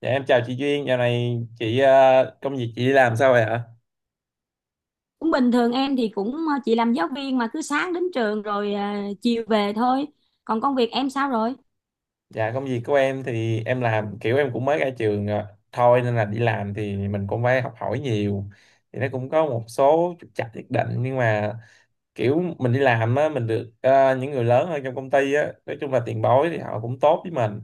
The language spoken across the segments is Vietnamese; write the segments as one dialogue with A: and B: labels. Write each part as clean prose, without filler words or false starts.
A: Dạ em chào chị Duyên, dạo này chị công việc chị đi làm sao vậy ạ?
B: Cũng bình thường em, thì cũng chỉ làm giáo viên mà cứ sáng đến trường rồi chiều về thôi. Còn công việc em sao rồi?
A: Dạ công việc của em thì em làm kiểu em cũng mới ra trường thôi nên là đi làm thì mình cũng phải học hỏi nhiều. Thì nó cũng có một số trục trặc nhất định nhưng mà kiểu mình đi làm á mình được những người lớn hơn trong công ty á, nói chung là tiền bối thì họ cũng tốt với mình,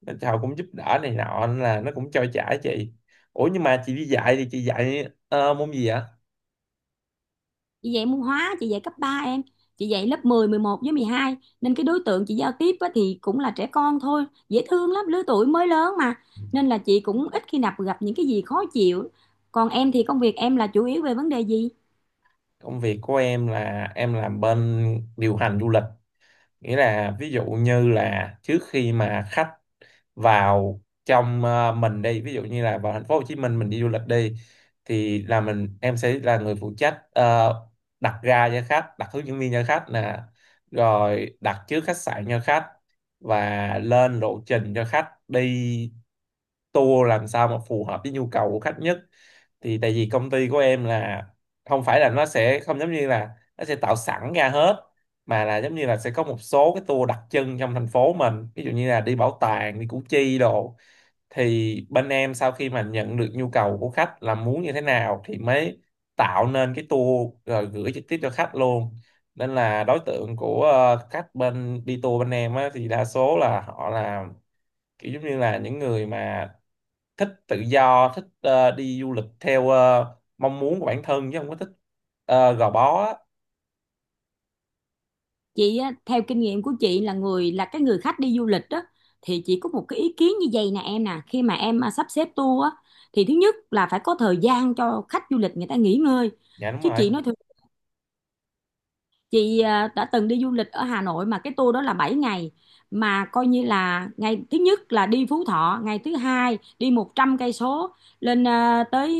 A: nên họ cũng giúp đỡ này nọ nên là nó cũng trôi chảy chị. Ủa nhưng mà chị đi dạy thì chị dạy môn gì ạ?
B: Chị dạy môn hóa, chị dạy cấp 3 em. Chị dạy lớp 10, 11 với 12, nên cái đối tượng chị giao tiếp á, thì cũng là trẻ con thôi, dễ thương lắm, lứa tuổi mới lớn mà, nên là chị cũng ít khi nào gặp những cái gì khó chịu. Còn em thì công việc em là chủ yếu về vấn đề gì?
A: Công việc của em là em làm bên điều hành du lịch, nghĩa là ví dụ như là trước khi mà khách vào trong mình đi, ví dụ như là vào thành phố Hồ Chí Minh mình đi du lịch đi, thì là em sẽ là người phụ trách đặt ga cho khách, đặt hướng dẫn viên cho khách nè, rồi đặt trước khách sạn cho khách và lên lộ trình cho khách đi tour làm sao mà phù hợp với nhu cầu của khách nhất. Thì tại vì công ty của em là không phải là, nó sẽ không giống như là nó sẽ tạo sẵn ra hết, mà là giống như là sẽ có một số cái tour đặc trưng trong thành phố mình, ví dụ như là đi bảo tàng, đi Củ Chi đồ, thì bên em sau khi mà nhận được nhu cầu của khách là muốn như thế nào thì mới tạo nên cái tour rồi gửi trực tiếp cho khách luôn. Nên là đối tượng của khách bên đi tour bên em á, thì đa số là họ là kiểu giống như là những người mà thích tự do, thích đi du lịch theo mong muốn của bản thân chứ không có thích gò bó á.
B: Chị á, theo kinh nghiệm của chị, là người, là cái người khách đi du lịch đó, thì chị có một cái ý kiến như vậy nè em nè. Khi mà em sắp xếp tour á, thì thứ nhất là phải có thời gian cho khách du lịch người ta nghỉ ngơi.
A: Dạ đúng
B: Chứ
A: rồi.
B: chị nói, đã từng đi du lịch ở Hà Nội mà cái tour đó là 7 ngày, mà coi như là ngày thứ nhất là đi Phú Thọ, ngày thứ hai đi 100 cây số lên tới,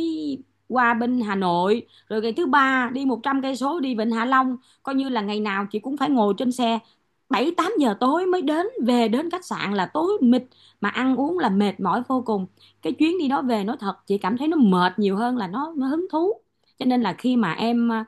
B: qua bên Hà Nội, rồi ngày thứ ba đi 100 cây số đi Vịnh Hạ Long. Coi như là ngày nào chị cũng phải ngồi trên xe, 7 8 giờ tối mới đến, về đến khách sạn là tối mịt, mà ăn uống là mệt mỏi vô cùng. Cái chuyến đi đó về nói thật chị cảm thấy nó mệt nhiều hơn là nó hứng thú. Cho nên là khi mà em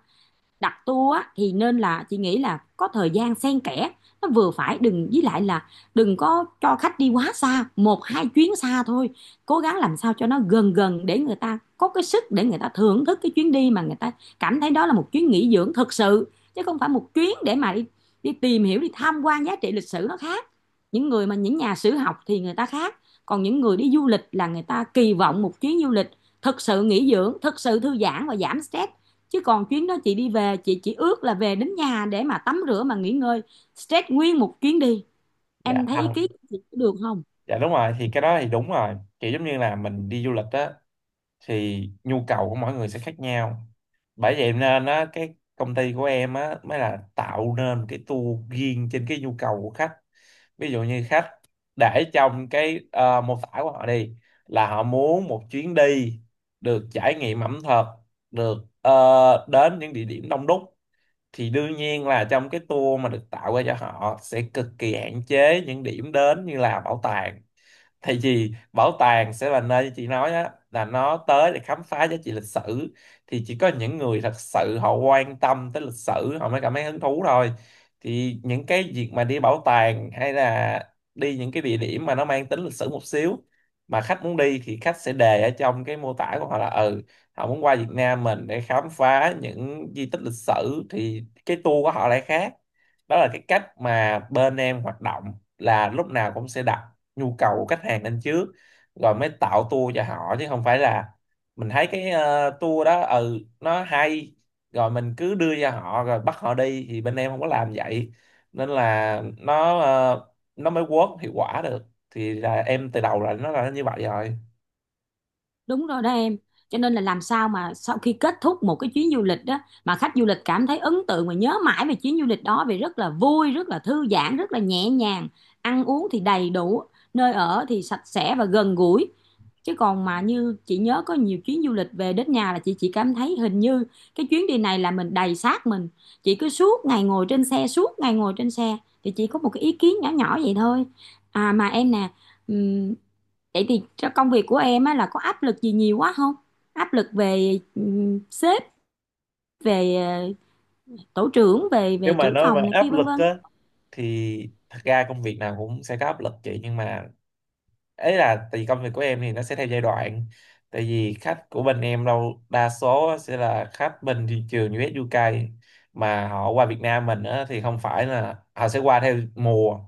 B: đặt tour á, thì nên, là chị nghĩ là có thời gian xen kẽ, nó vừa phải, đừng với lại là đừng có cho khách đi quá xa, một hai chuyến xa thôi, cố gắng làm sao cho nó gần gần để người ta có cái sức để người ta thưởng thức cái chuyến đi, mà người ta cảm thấy đó là một chuyến nghỉ dưỡng thực sự, chứ không phải một chuyến để mà đi tìm hiểu, đi tham quan giá trị lịch sử nó khác. Những người mà những nhà sử học thì người ta khác, còn những người đi du lịch là người ta kỳ vọng một chuyến du lịch thực sự nghỉ dưỡng, thực sự thư giãn và giảm stress. Chứ còn chuyến đó chị đi về, chị chỉ ước là về đến nhà để mà tắm rửa mà nghỉ ngơi, stress nguyên một chuyến đi. Em
A: Dạ.
B: thấy ý kiến chị được không?
A: Dạ đúng rồi, thì cái đó thì đúng rồi. Kiểu giống như là mình đi du lịch á thì nhu cầu của mỗi người sẽ khác nhau. Bởi vậy nên á cái công ty của em á mới là tạo nên một cái tour riêng trên cái nhu cầu của khách. Ví dụ như khách để trong cái mô tả của họ đi là họ muốn một chuyến đi được trải nghiệm ẩm thực, được đến những địa điểm đông đúc, thì đương nhiên là trong cái tour mà được tạo ra cho họ sẽ cực kỳ hạn chế những điểm đến như là bảo tàng, tại vì bảo tàng sẽ là nơi như chị nói á, là nó tới để khám phá giá trị lịch sử thì chỉ có những người thật sự họ quan tâm tới lịch sử họ mới cảm thấy hứng thú thôi. Thì những cái việc mà đi bảo tàng hay là đi những cái địa điểm mà nó mang tính lịch sử một xíu mà khách muốn đi thì khách sẽ đề ở trong cái mô tả của họ là ừ, họ muốn qua Việt Nam mình để khám phá những di tích lịch sử thì cái tour của họ lại khác. Đó là cái cách mà bên em hoạt động, là lúc nào cũng sẽ đặt nhu cầu của khách hàng lên trước rồi mới tạo tour cho họ, chứ không phải là mình thấy cái tour đó ừ nó hay rồi mình cứ đưa cho họ rồi bắt họ đi, thì bên em không có làm vậy. Nên là nó nó mới work hiệu quả được. Thì là em từ đầu là nó là như vậy rồi.
B: Đúng rồi đó em. Cho nên là làm sao mà sau khi kết thúc một cái chuyến du lịch đó mà khách du lịch cảm thấy ấn tượng và nhớ mãi về chuyến du lịch đó, vì rất là vui, rất là thư giãn, rất là nhẹ nhàng, ăn uống thì đầy đủ, nơi ở thì sạch sẽ và gần gũi. Chứ còn mà như chị nhớ, có nhiều chuyến du lịch về đến nhà là chị chỉ cảm thấy hình như cái chuyến đi này là mình đầy xác mình. Chị cứ suốt ngày ngồi trên xe, suốt ngày ngồi trên xe. Thì chỉ có một cái ý kiến nhỏ nhỏ vậy thôi. À mà em nè, vậy thì trong công việc của em á, là có áp lực gì nhiều quá không? Áp lực về sếp, về ờ, tổ trưởng, về
A: Nếu
B: về
A: mà
B: trưởng
A: nói mà
B: phòng này kia
A: áp
B: vân
A: lực
B: vân.
A: á thì thật ra công việc nào cũng sẽ có áp lực chị, nhưng mà ấy là tại vì công việc của em thì nó sẽ theo giai đoạn. Tại vì khách của bên em đâu đa số sẽ là khách bên thị trường US UK, mà họ qua Việt Nam mình á, thì không phải là họ sẽ qua theo mùa,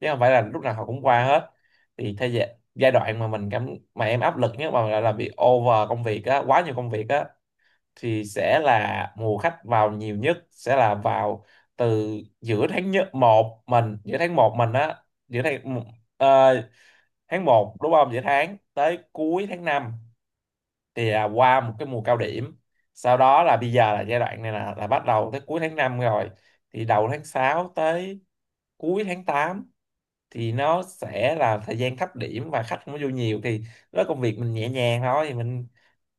A: chứ không phải là lúc nào họ cũng qua hết. Thì theo giai đoạn mà mình cảm, mà em áp lực nhất mà gọi là bị over công việc á, quá nhiều công việc á, thì sẽ là mùa khách vào nhiều nhất sẽ là vào từ giữa tháng nhất một mình giữa tháng một mình á, giữa tháng uh, tháng một đúng không, giữa tháng tới cuối tháng 5 thì qua một cái mùa cao điểm. Sau đó là bây giờ là giai đoạn này là bắt đầu tới cuối tháng 5 rồi, thì đầu tháng 6 tới cuối tháng 8 thì nó sẽ là thời gian thấp điểm và khách không có vô nhiều, thì đó công việc mình nhẹ nhàng thôi thì mình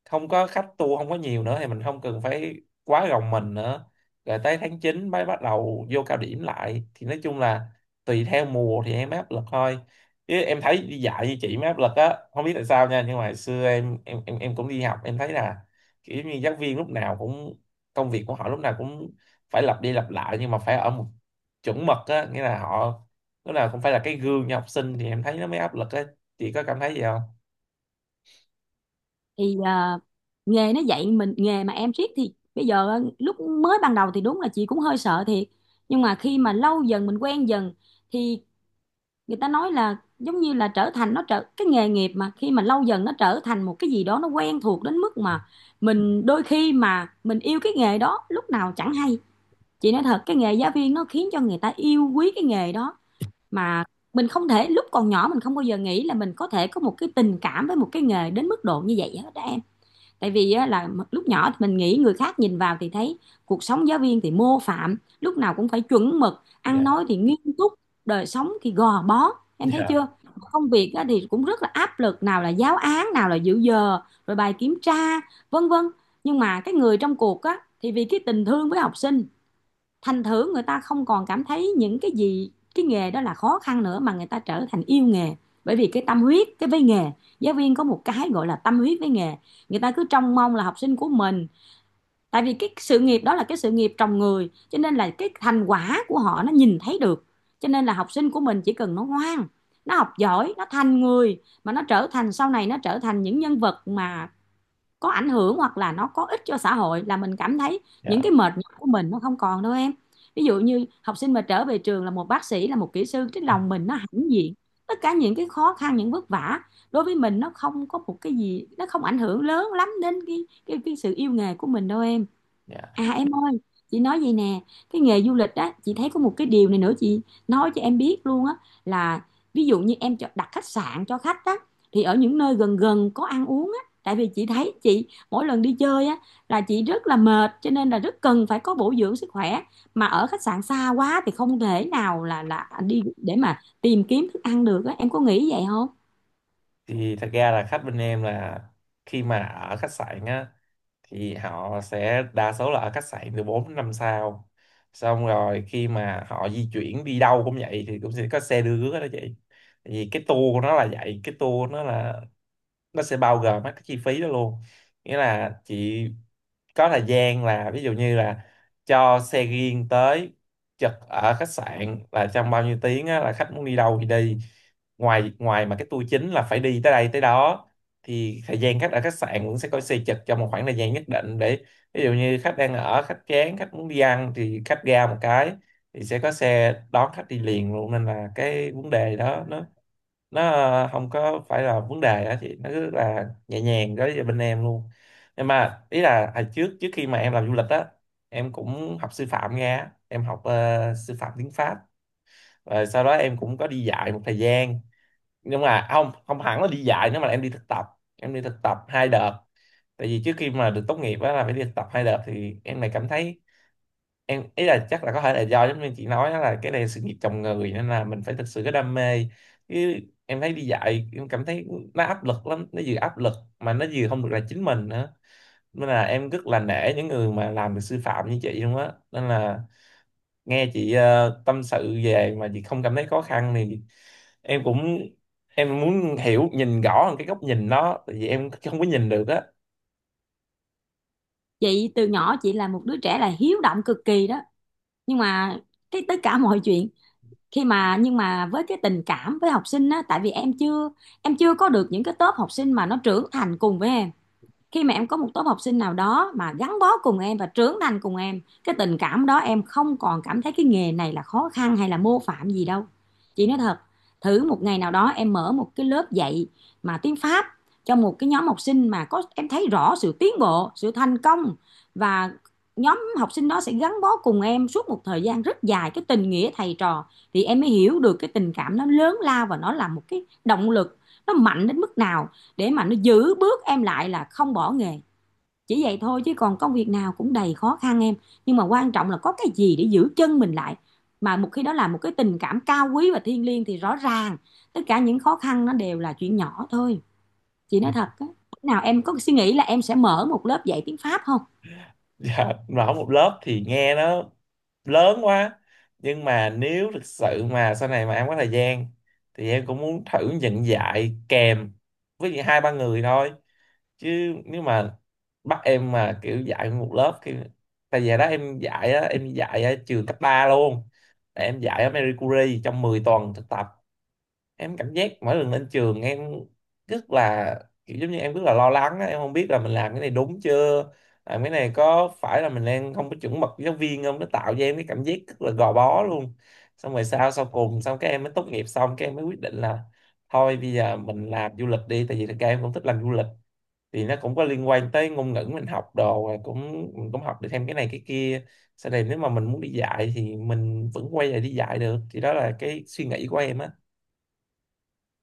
A: không có khách, tour không có nhiều nữa thì mình không cần phải quá gồng mình nữa. Rồi tới tháng 9 mới bắt đầu vô cao điểm lại, thì nói chung là tùy theo mùa thì em mới áp lực thôi. Chứ em thấy đi dạy như chị mới áp lực á, không biết tại sao nha, nhưng mà hồi xưa em cũng đi học em thấy là kiểu như giáo viên lúc nào cũng, công việc của họ lúc nào cũng phải lặp đi lặp lại nhưng mà phải ở một chuẩn mực á, nghĩa là họ lúc nào cũng phải là cái gương cho học sinh thì em thấy nó mới áp lực á. Chị có cảm thấy gì không?
B: Thì nghề nó dạy mình nghề mà em, riết thì bây giờ lúc mới ban đầu thì đúng là chị cũng hơi sợ thiệt. Nhưng mà khi mà lâu dần mình quen dần, thì người ta nói là giống như là trở thành, nó trở cái nghề nghiệp mà, khi mà lâu dần nó trở thành một cái gì đó nó quen thuộc đến mức mà mình đôi khi mà mình yêu cái nghề đó lúc nào chẳng hay. Chị nói thật, cái nghề giáo viên nó khiến cho người ta yêu quý cái nghề đó, mà mình không thể, lúc còn nhỏ mình không bao giờ nghĩ là mình có thể có một cái tình cảm với một cái nghề đến mức độ như vậy hết đó em. Tại vì á, là lúc nhỏ thì mình nghĩ người khác nhìn vào thì thấy cuộc sống giáo viên thì mô phạm, lúc nào cũng phải chuẩn mực,
A: Dạ.
B: ăn nói thì nghiêm túc, đời sống thì gò bó, em thấy
A: Dạ.
B: chưa. Công việc á, thì cũng rất là áp lực, nào là giáo án, nào là dự giờ, rồi bài kiểm tra, vân vân. Nhưng mà cái người trong cuộc á thì vì cái tình thương với học sinh, thành thử người ta không còn cảm thấy những cái gì cái nghề đó là khó khăn nữa, mà người ta trở thành yêu nghề. Bởi vì cái tâm huyết với nghề, giáo viên có một cái gọi là tâm huyết với nghề. Người ta cứ trông mong là học sinh của mình, tại vì cái sự nghiệp đó là cái sự nghiệp trồng người, cho nên là cái thành quả của họ nó nhìn thấy được. Cho nên là học sinh của mình chỉ cần nó ngoan, nó học giỏi, nó thành người, mà nó trở thành sau này, nó trở thành những nhân vật mà có ảnh hưởng, hoặc là nó có ích cho xã hội, là mình cảm thấy những cái
A: Dạ.
B: mệt nhọc của mình nó không còn đâu em. Ví dụ như học sinh mà trở về trường là một bác sĩ, là một kỹ sư, cái lòng mình nó hãnh diện. Tất cả những cái khó khăn, những vất vả đối với mình nó không có một cái gì, nó không ảnh hưởng lớn lắm đến cái sự yêu nghề của mình đâu em.
A: Dạ
B: À em ơi, chị nói gì nè, cái nghề du lịch á, chị thấy có một cái điều này nữa chị nói cho em biết luôn á, là ví dụ như em cho- đặt khách sạn cho khách á, thì ở những nơi gần gần có ăn uống á, tại vì chị thấy chị mỗi lần đi chơi á là chị rất là mệt, cho nên là rất cần phải có bổ dưỡng sức khỏe. Mà ở khách sạn xa quá thì không thể nào là đi để mà tìm kiếm thức ăn được á, em có nghĩ vậy không?
A: thì thật ra là khách bên em là khi mà ở khách sạn á thì họ sẽ đa số là ở khách sạn từ 4 đến 5 sao, xong rồi khi mà họ di chuyển đi đâu cũng vậy thì cũng sẽ có xe đưa đó chị. Tại vì cái tour của nó là vậy, cái tour nó là nó sẽ bao gồm hết cái chi phí đó luôn. Nghĩa là chị có thời gian là, ví dụ như là cho xe riêng tới chật ở khách sạn là trong bao nhiêu tiếng á, là khách muốn đi đâu thì đi, ngoài ngoài mà cái tour chính là phải đi tới đây tới đó, thì thời gian khách ở khách sạn cũng sẽ có xây chật trong một khoảng thời gian nhất định để ví dụ như khách đang ở khách chán khách muốn đi ăn thì khách ra một cái thì sẽ có xe đón khách đi liền luôn. Nên là cái vấn đề đó nó không có phải là vấn đề đó chị, nó rất là nhẹ nhàng đối với bên em luôn. Nhưng mà ý là hồi trước trước khi mà em làm du lịch á, em cũng học sư phạm ra, em học sư phạm tiếng Pháp, rồi sau đó em cũng có đi dạy một thời gian, nhưng mà không không hẳn là đi dạy nữa mà là em đi thực tập. Em đi thực tập hai đợt, tại vì trước khi mà được tốt nghiệp á là phải đi thực tập hai đợt, thì em lại cảm thấy em ý là chắc là có thể là do giống như chị nói á, là cái này là sự nghiệp chồng người nên là mình phải thực sự có đam mê, chứ em thấy đi dạy em cảm thấy nó áp lực lắm, nó vừa áp lực mà nó vừa không được là chính mình nữa. Nên là em rất là nể những người mà làm được sư phạm như chị luôn á, nên là nghe chị tâm sự về mà chị không cảm thấy khó khăn thì em cũng, em muốn hiểu nhìn rõ hơn cái góc nhìn nó, tại vì em không có nhìn được á.
B: Chị từ nhỏ chị là một đứa trẻ là hiếu động cực kỳ đó, nhưng mà cái tất cả mọi chuyện khi mà, nhưng mà với cái tình cảm với học sinh á, tại vì em chưa, em chưa có được những cái tốp học sinh mà nó trưởng thành cùng với em. Khi mà em có một tốp học sinh nào đó mà gắn bó cùng em và trưởng thành cùng em, cái tình cảm đó em không còn cảm thấy cái nghề này là khó khăn hay là mô phạm gì đâu, chị nói thật. Thử một ngày nào đó em mở một cái lớp dạy mà tiếng Pháp, cho một cái nhóm học sinh mà có em thấy rõ sự tiến bộ, sự thành công, và nhóm học sinh đó sẽ gắn bó cùng em suốt một thời gian rất dài, cái tình nghĩa thầy trò, thì em mới hiểu được cái tình cảm nó lớn lao và nó là một cái động lực, nó mạnh đến mức nào, để mà nó giữ bước em lại là không bỏ nghề. Chỉ vậy thôi, chứ còn công việc nào cũng đầy khó khăn em, nhưng mà quan trọng là có cái gì để giữ chân mình lại. Mà một khi đó là một cái tình cảm cao quý và thiêng liêng thì rõ ràng tất cả những khó khăn nó đều là chuyện nhỏ thôi, chị nói thật á. Nào, em có suy nghĩ là em sẽ mở một lớp dạy tiếng Pháp không?
A: Dạ mà học một lớp thì nghe nó lớn quá, nhưng mà nếu thực sự mà sau này mà em có thời gian thì em cũng muốn thử nhận dạy kèm với những hai ba người thôi, chứ nếu mà bắt em mà kiểu dạy một lớp thì, tại vì đó em dạy á, em dạy ở trường cấp 3 luôn. Tại em dạy ở Marie Curie trong 10 tuần thực tập, em cảm giác mỗi lần lên trường em rất là, kiểu giống như em rất là lo lắng á, em không biết là mình làm cái này đúng chưa, làm cái này có phải là mình đang không có chuẩn mực với giáo viên không, nó tạo cho em cái cảm giác rất là gò bó luôn. Xong rồi sao sau cùng xong các em mới tốt nghiệp xong các em mới quyết định là thôi bây giờ mình làm du lịch đi, tại vì thực ra em cũng thích làm du lịch, thì nó cũng có liên quan tới ngôn ngữ mình học đồ, rồi cũng mình cũng học được thêm cái này cái kia, sau này nếu mà mình muốn đi dạy thì mình vẫn quay lại đi dạy được, thì đó là cái suy nghĩ của em á.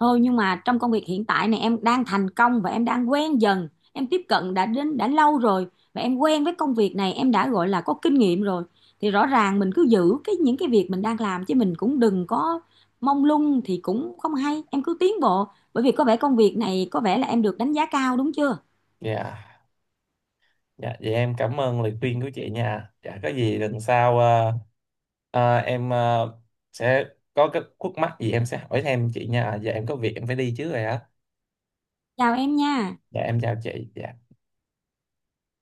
B: Ừ, nhưng mà trong công việc hiện tại này em đang thành công và em đang quen dần, em tiếp cận đã đến đã lâu rồi, và em quen với công việc này, em đã gọi là có kinh nghiệm rồi, thì rõ ràng mình cứ giữ cái những cái việc mình đang làm, chứ mình cũng đừng có mông lung thì cũng không hay. Em cứ tiến bộ, bởi vì có vẻ công việc này có vẻ là em được đánh giá cao, đúng chưa?
A: Dạ. Dạ, vậy em cảm ơn lời khuyên của chị nha. Dạ, có gì lần sau ờ, em ờ, sẽ có cái khúc mắc gì em sẽ hỏi thêm chị nha. Giờ em có việc em phải đi trước rồi á.
B: Chào em nha.
A: Dạ, em chào chị. Dạ.